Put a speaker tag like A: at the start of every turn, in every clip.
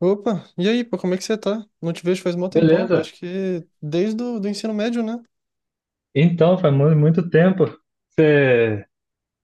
A: Opa, e aí, pô, como é que você tá? Não te vejo faz mó tempão. Eu acho
B: Beleza.
A: que desde o do ensino médio, né?
B: Então, faz muito tempo. Você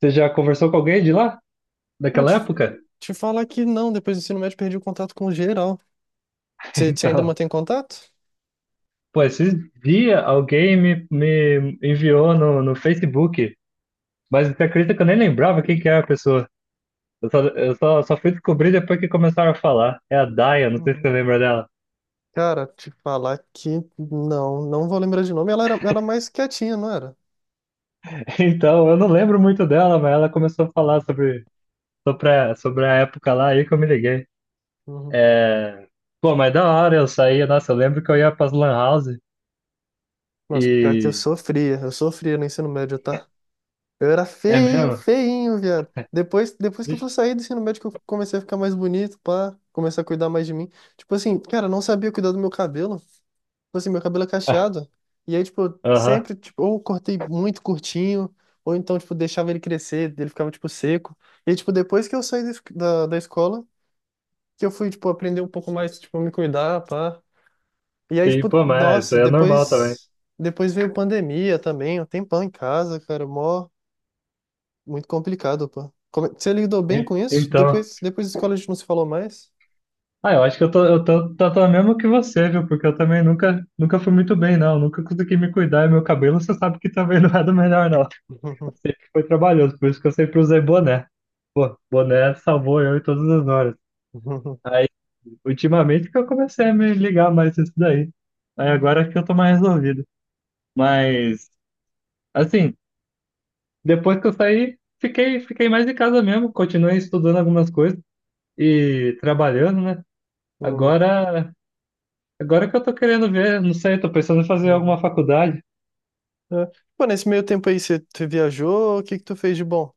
B: você já conversou com alguém de lá?
A: Cara,
B: Daquela
A: te,
B: época?
A: te falar que não, depois do ensino médio perdi o contato com geral. Você ainda
B: Então,
A: mantém contato?
B: pô, esses dias alguém me enviou no Facebook, mas você acredita que eu nem lembrava quem que era a pessoa? Eu só fui descobrir depois que começaram a falar. É a Daya, não sei se
A: Uhum.
B: você lembra dela.
A: Cara, te falar que não, não vou lembrar de nome. Ela era mais quietinha, não era?
B: Então, eu não lembro muito dela, mas ela começou a falar sobre a época lá, aí que eu me liguei.
A: Uhum.
B: É. Pô, mas da hora eu saía, nossa, eu lembro que eu ia pras lan house
A: Nossa, pior que eu
B: e.
A: sofria, eu sofria no ensino médio, tá? Eu era
B: É
A: feio,
B: mesmo?
A: feinho, viado. Depois que eu fui
B: Vixe.
A: sair do ensino médio, que eu comecei a ficar mais bonito, pá, comecei a cuidar mais de mim. Tipo assim, cara, eu não sabia cuidar do meu cabelo. Tipo assim, meu cabelo é
B: Ah.
A: cacheado. E aí, tipo, eu
B: Aham.
A: sempre, tipo, ou cortei muito curtinho, ou então, tipo, deixava ele crescer, ele ficava, tipo, seco. E tipo, depois que eu saí da, es- da da escola, que eu fui, tipo, aprender um pouco mais, tipo, me cuidar, pá. E aí,
B: Sim,
A: tipo,
B: pô, mas isso
A: nossa,
B: aí é normal também.
A: depois, depois veio pandemia também, um tempão em casa, cara, mó. Muito complicado, pô. Você lidou bem com isso?
B: Então,
A: Depois, depois da escola a gente não se falou mais?
B: ah, eu acho que eu tô mesmo que você, viu? Porque eu também nunca fui muito bem, não. Nunca consegui me cuidar e meu cabelo, você sabe que também não é do melhor, não.
A: Uhum,
B: Foi trabalhoso, por isso que eu sempre usei boné. Boné salvou eu em todas as horas.
A: uhum,
B: Aí, ultimamente que eu comecei a me ligar mais nisso daí. Aí agora que eu tô mais resolvido. Mas, assim, depois que eu saí, fiquei mais em casa mesmo. Continuei estudando algumas coisas e trabalhando, né?
A: uhum.
B: Agora, agora que eu tô querendo ver, não sei, tô pensando em fazer
A: Uhum.
B: alguma faculdade.
A: É. Pô, nesse meio tempo aí, você viajou? O que que tu fez de bom?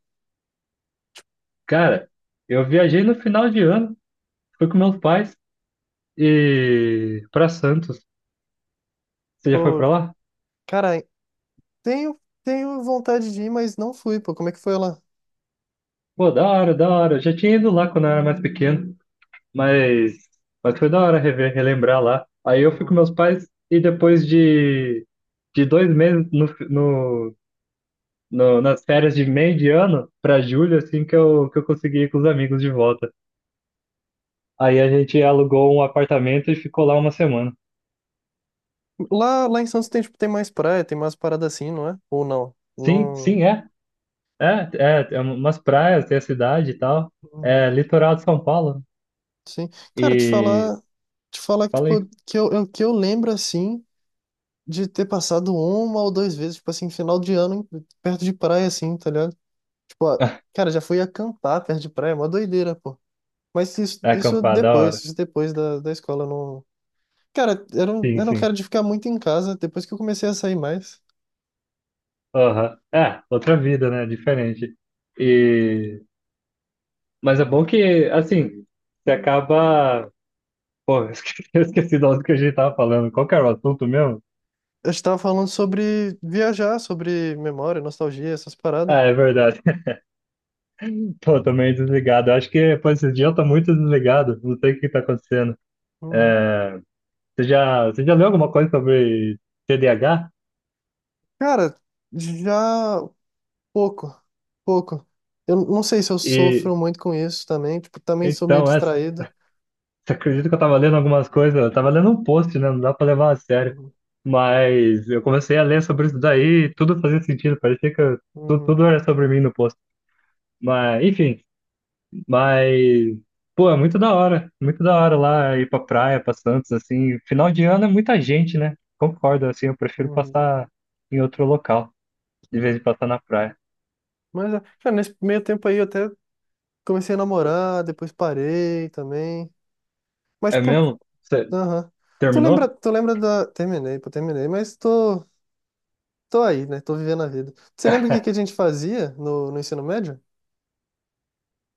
B: Cara, eu viajei no final de ano, fui com meus pais e para Santos. Você já foi
A: Pô,
B: para lá?
A: cara, tenho vontade de ir, mas não fui, pô. Como é que foi lá?
B: Pô, da hora, da hora. Eu já tinha ido lá quando eu era mais pequeno, mas mas foi da hora rever, relembrar lá. Aí eu fui com
A: Uhum.
B: meus pais e depois de dois meses nas férias de meio de ano para julho, assim que eu consegui ir com os amigos de volta. Aí a gente alugou um apartamento e ficou lá uma semana.
A: Lá em Santos tem, tipo, tem mais praia, tem mais parada assim, não é? Ou não?
B: Sim,
A: Não.
B: sim, é. É, é umas praias, tem a cidade e tal.
A: Uhum.
B: É litoral de São Paulo.
A: Sim. Cara,
B: E
A: te falar que, tipo,
B: falei.
A: que eu lembro assim de ter passado uma ou duas vezes, tipo assim, final de ano, em- perto de praia, assim, tá ligado? Tipo, ah, cara, já fui acampar perto de praia, é mó doideira, pô. Mas isso,
B: É
A: isso
B: acampar, da hora.
A: depois, isso depois da, da escola, eu não. Cara, eu não,
B: Sim,
A: eu não
B: sim.
A: quero de ficar muito em casa, depois que eu comecei a sair mais.
B: Aham. É, outra vida, né? Diferente. E. Mas é bom que, assim, você acaba. Pô, eu esqueci do que a gente tava falando. Qual que era o assunto mesmo?
A: Eu estava falando sobre viajar, sobre memória, nostalgia, essas paradas.
B: Ah, é verdade. Tô também desligado. Eu acho que, pô, esse dia eu tô muito desligado. Não sei o que tá acontecendo.
A: Uhum.
B: É. Você já leu alguma coisa sobre TDAH?
A: Cara, já pouco, pouco. Eu não sei se eu
B: E
A: sofro muito com isso também, tipo, também sou meio
B: então, você
A: distraído.
B: acredita que eu tava lendo algumas coisas? Eu tava lendo um post, né? Não dá pra levar a sério.
A: Uhum,
B: Mas eu comecei a ler sobre isso daí e tudo fazia sentido. Parecia que
A: uhum.
B: tudo era sobre mim no post. Mas, enfim, mas. Pô, é muito da hora. Muito da hora lá ir pra praia, pra Santos, assim. Final de ano é muita gente, né? Concordo, assim, eu prefiro
A: Uhum.
B: passar em outro local, em vez de passar na praia.
A: Mas, é, cara, nesse meio tempo aí eu até comecei a namorar, depois parei também. Mas,
B: É
A: pô,
B: mesmo? Você
A: aham.
B: terminou?
A: Tu lembra da. Terminei, pô, terminei, mas tô aí, né? Tô vivendo a vida. Você lembra o que que a gente fazia no ensino médio?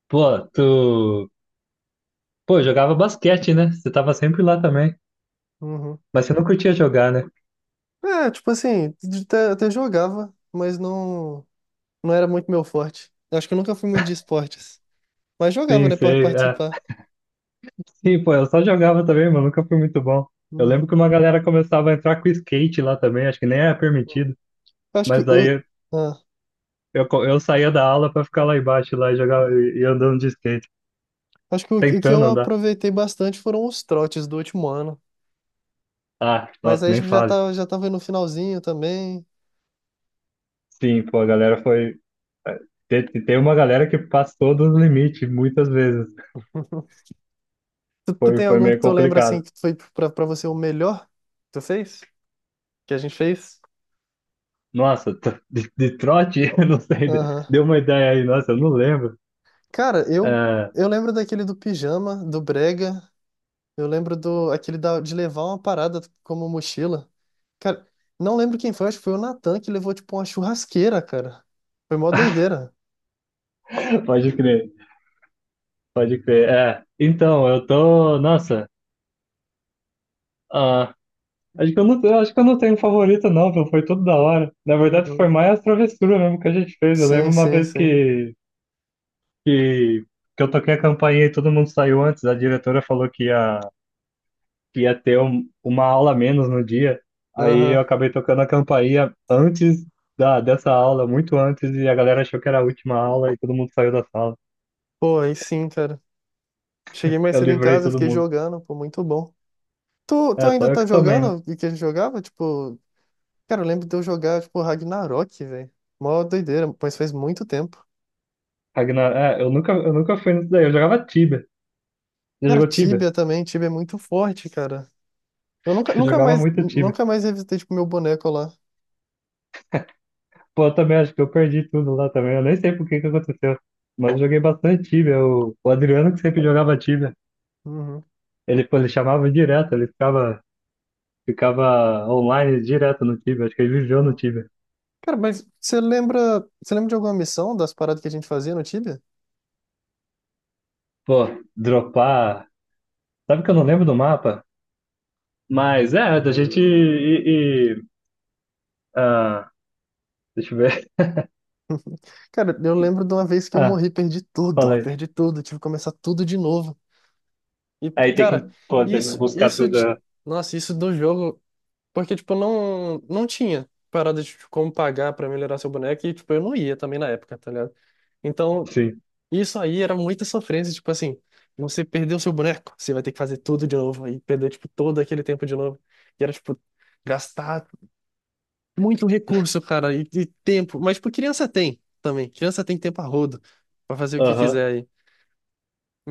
B: Pô, tu. Pô, jogava basquete, né? Você tava sempre lá também.
A: Uhum.
B: Mas você não curtia jogar, né?
A: É, tipo assim, de- até, até jogava, mas não era muito meu forte. Eu acho que eu nunca fui muito de esportes. Mas jogava,
B: Sim,
A: né, pra
B: sei. É.
A: participar.
B: Sim, pô, eu só jogava também, mas nunca fui muito bom. Eu lembro
A: Uhum.
B: que uma galera começava a entrar com skate lá também, acho que nem era permitido.
A: Acho que
B: Mas
A: o.
B: daí
A: ah.
B: eu saía da aula pra ficar lá embaixo lá e jogar e andando de skate,
A: Acho que o que eu
B: tentando andar.
A: aproveitei bastante foram os trotes do último ano.
B: Ah,
A: Mas
B: nossa,
A: aí
B: nem
A: já
B: fale.
A: tá, já tava no finalzinho também.
B: Sim, pô, a galera foi. Tem uma galera que passou dos limites muitas vezes.
A: Tu
B: Foi,
A: tem
B: foi
A: algum que
B: meio
A: tu lembra assim
B: complicado.
A: que foi pra você o melhor que tu fez? Que a gente fez?
B: Nossa, tro- de trote? Eu não sei.
A: Aham.
B: Deu uma ideia aí, nossa, eu não lembro.
A: Cara, eu,
B: É,
A: eu lembro daquele do pijama, do brega. Eu lembro do aquele da, de levar uma parada como mochila. Cara, não lembro quem foi, acho que foi o Natan que levou tipo uma churrasqueira, cara. Foi mó doideira.
B: pode crer, pode crer. É, então, eu tô. Nossa, ah, acho que eu não, eu acho que eu não tenho um favorito, não, viu? Foi tudo da hora. Na verdade, foi
A: Uhum.
B: mais a travessura mesmo que a gente fez. Eu lembro
A: Sim,
B: uma
A: sim,
B: vez
A: sim.
B: que, que eu toquei a campainha e todo mundo saiu antes. A diretora falou que ia. Que ia ter uma aula a menos no dia. Aí eu
A: Aham.
B: acabei tocando a campainha antes da, dessa aula, muito antes, e a galera achou que era a última aula e todo mundo saiu da sala.
A: Pô, aí sim, cara. Cheguei mais
B: Eu
A: cedo em
B: livrei
A: casa,
B: todo
A: fiquei
B: mundo.
A: jogando, pô, muito bom. Tu
B: É, só
A: ainda
B: eu
A: tá
B: que tomei, né?
A: jogando o que a gente jogava? Tipo, cara, eu lembro de eu jogar, tipo, Ragnarok, velho. Mó doideira, mas faz muito tempo.
B: Ragnar, é, eu nunca fui nisso daí. Eu jogava Tibia. Você
A: Cara,
B: jogou Tibia?
A: Tibia também, Tibia é muito forte, cara. Eu nunca,
B: Eu
A: nunca
B: jogava
A: mais,
B: muito Tibia.
A: nunca mais revisitei, tipo, meu boneco lá.
B: Pô, eu também acho que eu perdi tudo lá também. Eu nem sei por que que aconteceu. Mas eu joguei bastante Tibia. O Adriano que sempre jogava Tibia.
A: Uhum.
B: Ele, pô, ele chamava direto, ele ficava online direto no Tibia. Acho que ele viveu no
A: Uhum.
B: Tibia.
A: Cara, mas você lembra de alguma missão das paradas que a gente fazia no Tibia?
B: Pô, dropar. Sabe que eu não lembro do mapa? Mas é, da gente ah, deixa eu ver.
A: Cara, eu lembro de uma vez que eu
B: Ah,
A: morri,
B: falei.
A: perdi tudo, tive que começar tudo de novo. E,
B: Aí tem
A: cara,
B: que, pô, tem que
A: isso,
B: buscar
A: isso
B: tudo.
A: de...
B: É.
A: Nossa, isso do jogo. Porque, tipo, não tinha parada de tipo, como pagar pra melhorar seu boneco e, tipo, eu não ia também na época, tá ligado? Então,
B: Sim.
A: isso aí era muita sofrência, tipo assim, você perdeu seu boneco, você vai ter que fazer tudo de novo e perder, tipo, todo aquele tempo de novo. E era, tipo, gastar muito recurso, cara, e tempo. Mas, tipo, criança tem também. Criança tem tempo a rodo pra fazer o que
B: Aham.
A: quiser aí.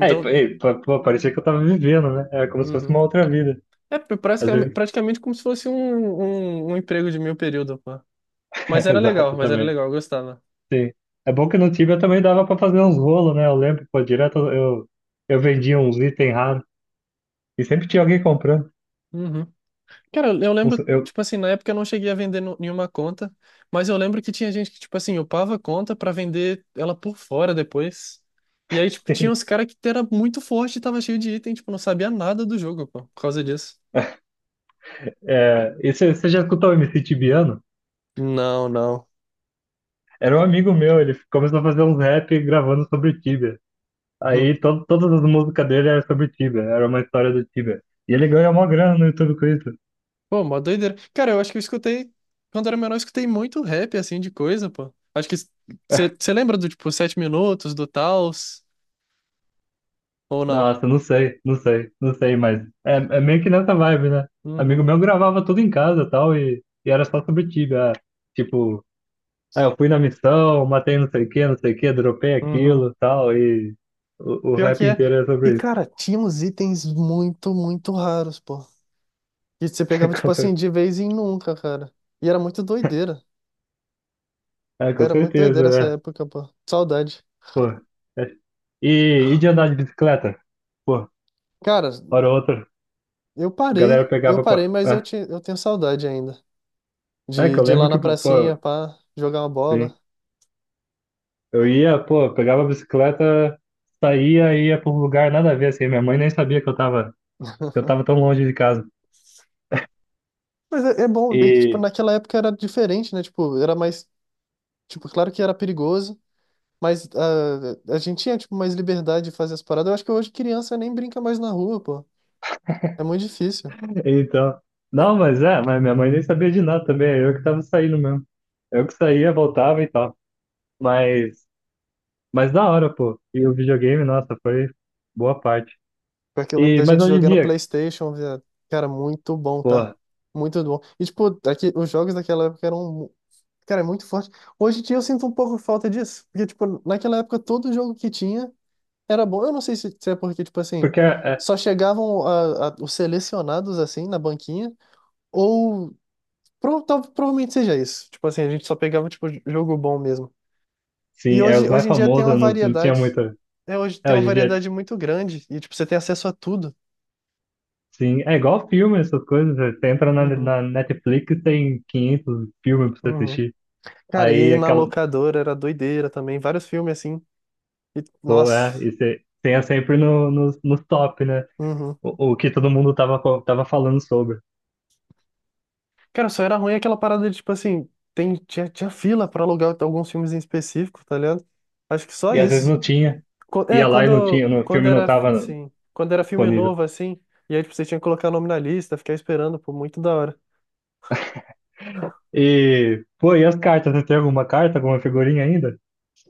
B: Aí, p- aí, pô, pô, parecia que eu tava vivendo, né? É como se fosse
A: uhum.
B: uma outra vida.
A: É
B: Às
A: praticamente,
B: vezes.
A: praticamente como se fosse um, um emprego de meio período, pô.
B: Exato,
A: Mas era
B: também.
A: legal, eu gostava.
B: Sim. É bom que no Tibia também dava pra fazer uns rolos, né? Eu lembro, pô, direto eu vendia uns itens raros. E sempre tinha alguém comprando.
A: Uhum. Cara, eu lembro,
B: Eu.
A: tipo assim, na época eu não cheguei a vender nenhuma conta, mas eu lembro que tinha gente que, tipo assim, upava a conta pra vender ela por fora depois. E aí, tipo, tinha
B: Sim.
A: uns caras que era muito forte e tava cheio de item, tipo, não sabia nada do jogo, pô, por causa disso.
B: É, e você já escutou o MC Tibiano?
A: Não, não.
B: Era um amigo meu, ele começou a fazer uns rap gravando sobre Tibia.
A: Uhum.
B: Aí to todas as músicas dele eram sobre Tibia, era uma história do Tibia. E ele ganhou uma grana no YouTube com isso.
A: Pô, mó doideira. Cara, eu acho que eu escutei, quando era menor, eu escutei muito rap, assim, de coisa, pô. Acho que você lembra do, tipo, Sete Minutos, do Taos, ou não?
B: Nossa, não sei, não sei, não sei, mas é, é meio que nessa vibe, né?
A: Uhum.
B: Amigo meu gravava tudo em casa e tal, e era só sobre Tibia. Ah, tipo, ah, eu fui na missão, matei não sei o que, não sei o que, dropei
A: Uhum.
B: aquilo e tal, e o
A: Pior que
B: rap
A: é.
B: inteiro é
A: E,
B: sobre isso.
A: cara, tinha uns itens muito, muito raros, pô. E você pegava, tipo
B: Com
A: assim,
B: cer-
A: de vez em nunca, cara. E era muito doideira.
B: É, com
A: Era muito doideira
B: certeza,
A: essa
B: né?
A: época, pô. Saudade.
B: Pô. É. E de andar de bicicleta? Pô,
A: Cara,
B: hora ou outra,
A: eu
B: a galera
A: parei. Eu
B: pegava, pô.
A: parei, mas eu,
B: É,
A: te, eu tenho saudade ainda.
B: é que eu
A: De ir lá
B: lembro
A: na
B: que,
A: pracinha,
B: pô,
A: pá, jogar uma bola.
B: sim. Eu ia, pô, pegava a bicicleta, saía, ia pra um lugar nada a ver, assim. Minha mãe nem sabia que eu tava tão longe de casa.
A: Mas é, é bom ver que, tipo,
B: E,
A: naquela época era diferente, né? Tipo, era mais... Tipo, claro que era perigoso, mas ah, a gente tinha, tipo, mais liberdade de fazer as paradas. Eu acho que hoje criança nem brinca mais na rua, pô. É muito difícil.
B: então. Não, mas minha mãe nem sabia de nada também. É, eu que tava saindo mesmo. Eu que saía, voltava e tal. Mas, mas da hora, pô. E o videogame, nossa, foi boa parte.
A: Pior que eu lembro
B: E,
A: da
B: mas
A: gente
B: hoje em
A: jogando
B: dia,
A: PlayStation, viado. Cara, muito bom, tá?
B: pô,
A: Muito bom. E, tipo, daqui, os jogos daquela época eram, cara, muito forte. Hoje em dia eu sinto um pouco falta disso. Porque, tipo, naquela época todo jogo que tinha era bom. Eu não sei se, se é porque, tipo assim,
B: porque é.
A: só chegavam os selecionados, assim, na banquinha. Ou provavelmente seja isso. Tipo assim, a gente só pegava, tipo, jogo bom mesmo. E
B: Sim, é os
A: hoje,
B: mais
A: hoje em dia tem
B: famosos,
A: uma
B: não, não tinha
A: variedade.
B: muita.
A: É, hoje
B: É,
A: tem uma
B: hoje em dia,
A: variedade muito grande. E, tipo, você tem acesso a tudo.
B: sim, é igual filme, essas coisas. Você entra na,
A: Uhum.
B: na Netflix, tem 500 filmes pra você
A: Uhum.
B: assistir.
A: Cara,
B: Aí,
A: e na
B: aquela,
A: locadora era doideira também, vários filmes assim. E,
B: pô, é,
A: nossa.
B: e você tem sempre no top, né?
A: Uhum.
B: O que todo mundo tava, tava falando sobre.
A: Cara, só era ruim aquela parada de, tipo assim, tem, tinha fila pra alugar alguns filmes em específico, tá ligado? Acho que só
B: E às vezes
A: isso.
B: não tinha.
A: Co- É,
B: Ia lá e não tinha,
A: quando,
B: no
A: quando
B: filme não
A: era,
B: tava
A: sim, quando era filme
B: disponível.
A: novo, assim, e aí, tipo, você tinha que colocar nome na lista, ficar esperando, pô, muito da hora.
B: E, pô, e as cartas? Você tem alguma carta, alguma figurinha ainda?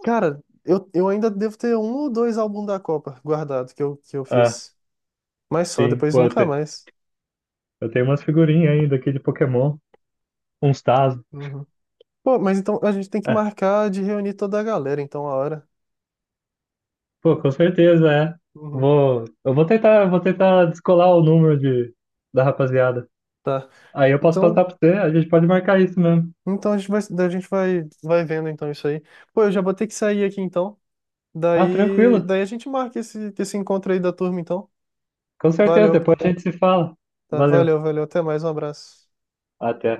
A: Cara, eu ainda devo ter um ou dois álbuns da Copa guardado que eu
B: Ah,
A: fiz. Mas só,
B: sim,
A: depois
B: pô, eu
A: nunca
B: te-
A: mais.
B: eu tenho umas figurinhas ainda aqui de Pokémon, uns Tazos.
A: Uhum. Pô, mas então a gente tem que marcar de reunir toda a galera, então, a hora.
B: Pô, com certeza, é.
A: Uhum.
B: Eu vou tentar descolar o número da rapaziada.
A: Tá.
B: Aí eu posso passar
A: Então,
B: pra você, a gente pode marcar isso mesmo.
A: então a gente vai, vai vendo então isso aí. Pô, eu já vou ter que sair aqui então.
B: Ah,
A: Daí,
B: tranquilo.
A: daí a gente marca esse encontro aí da turma então.
B: Com certeza,
A: Valeu,
B: depois
A: pô.
B: a gente se fala.
A: Tá,
B: Valeu.
A: valeu, valeu. Até mais, um abraço.
B: Até.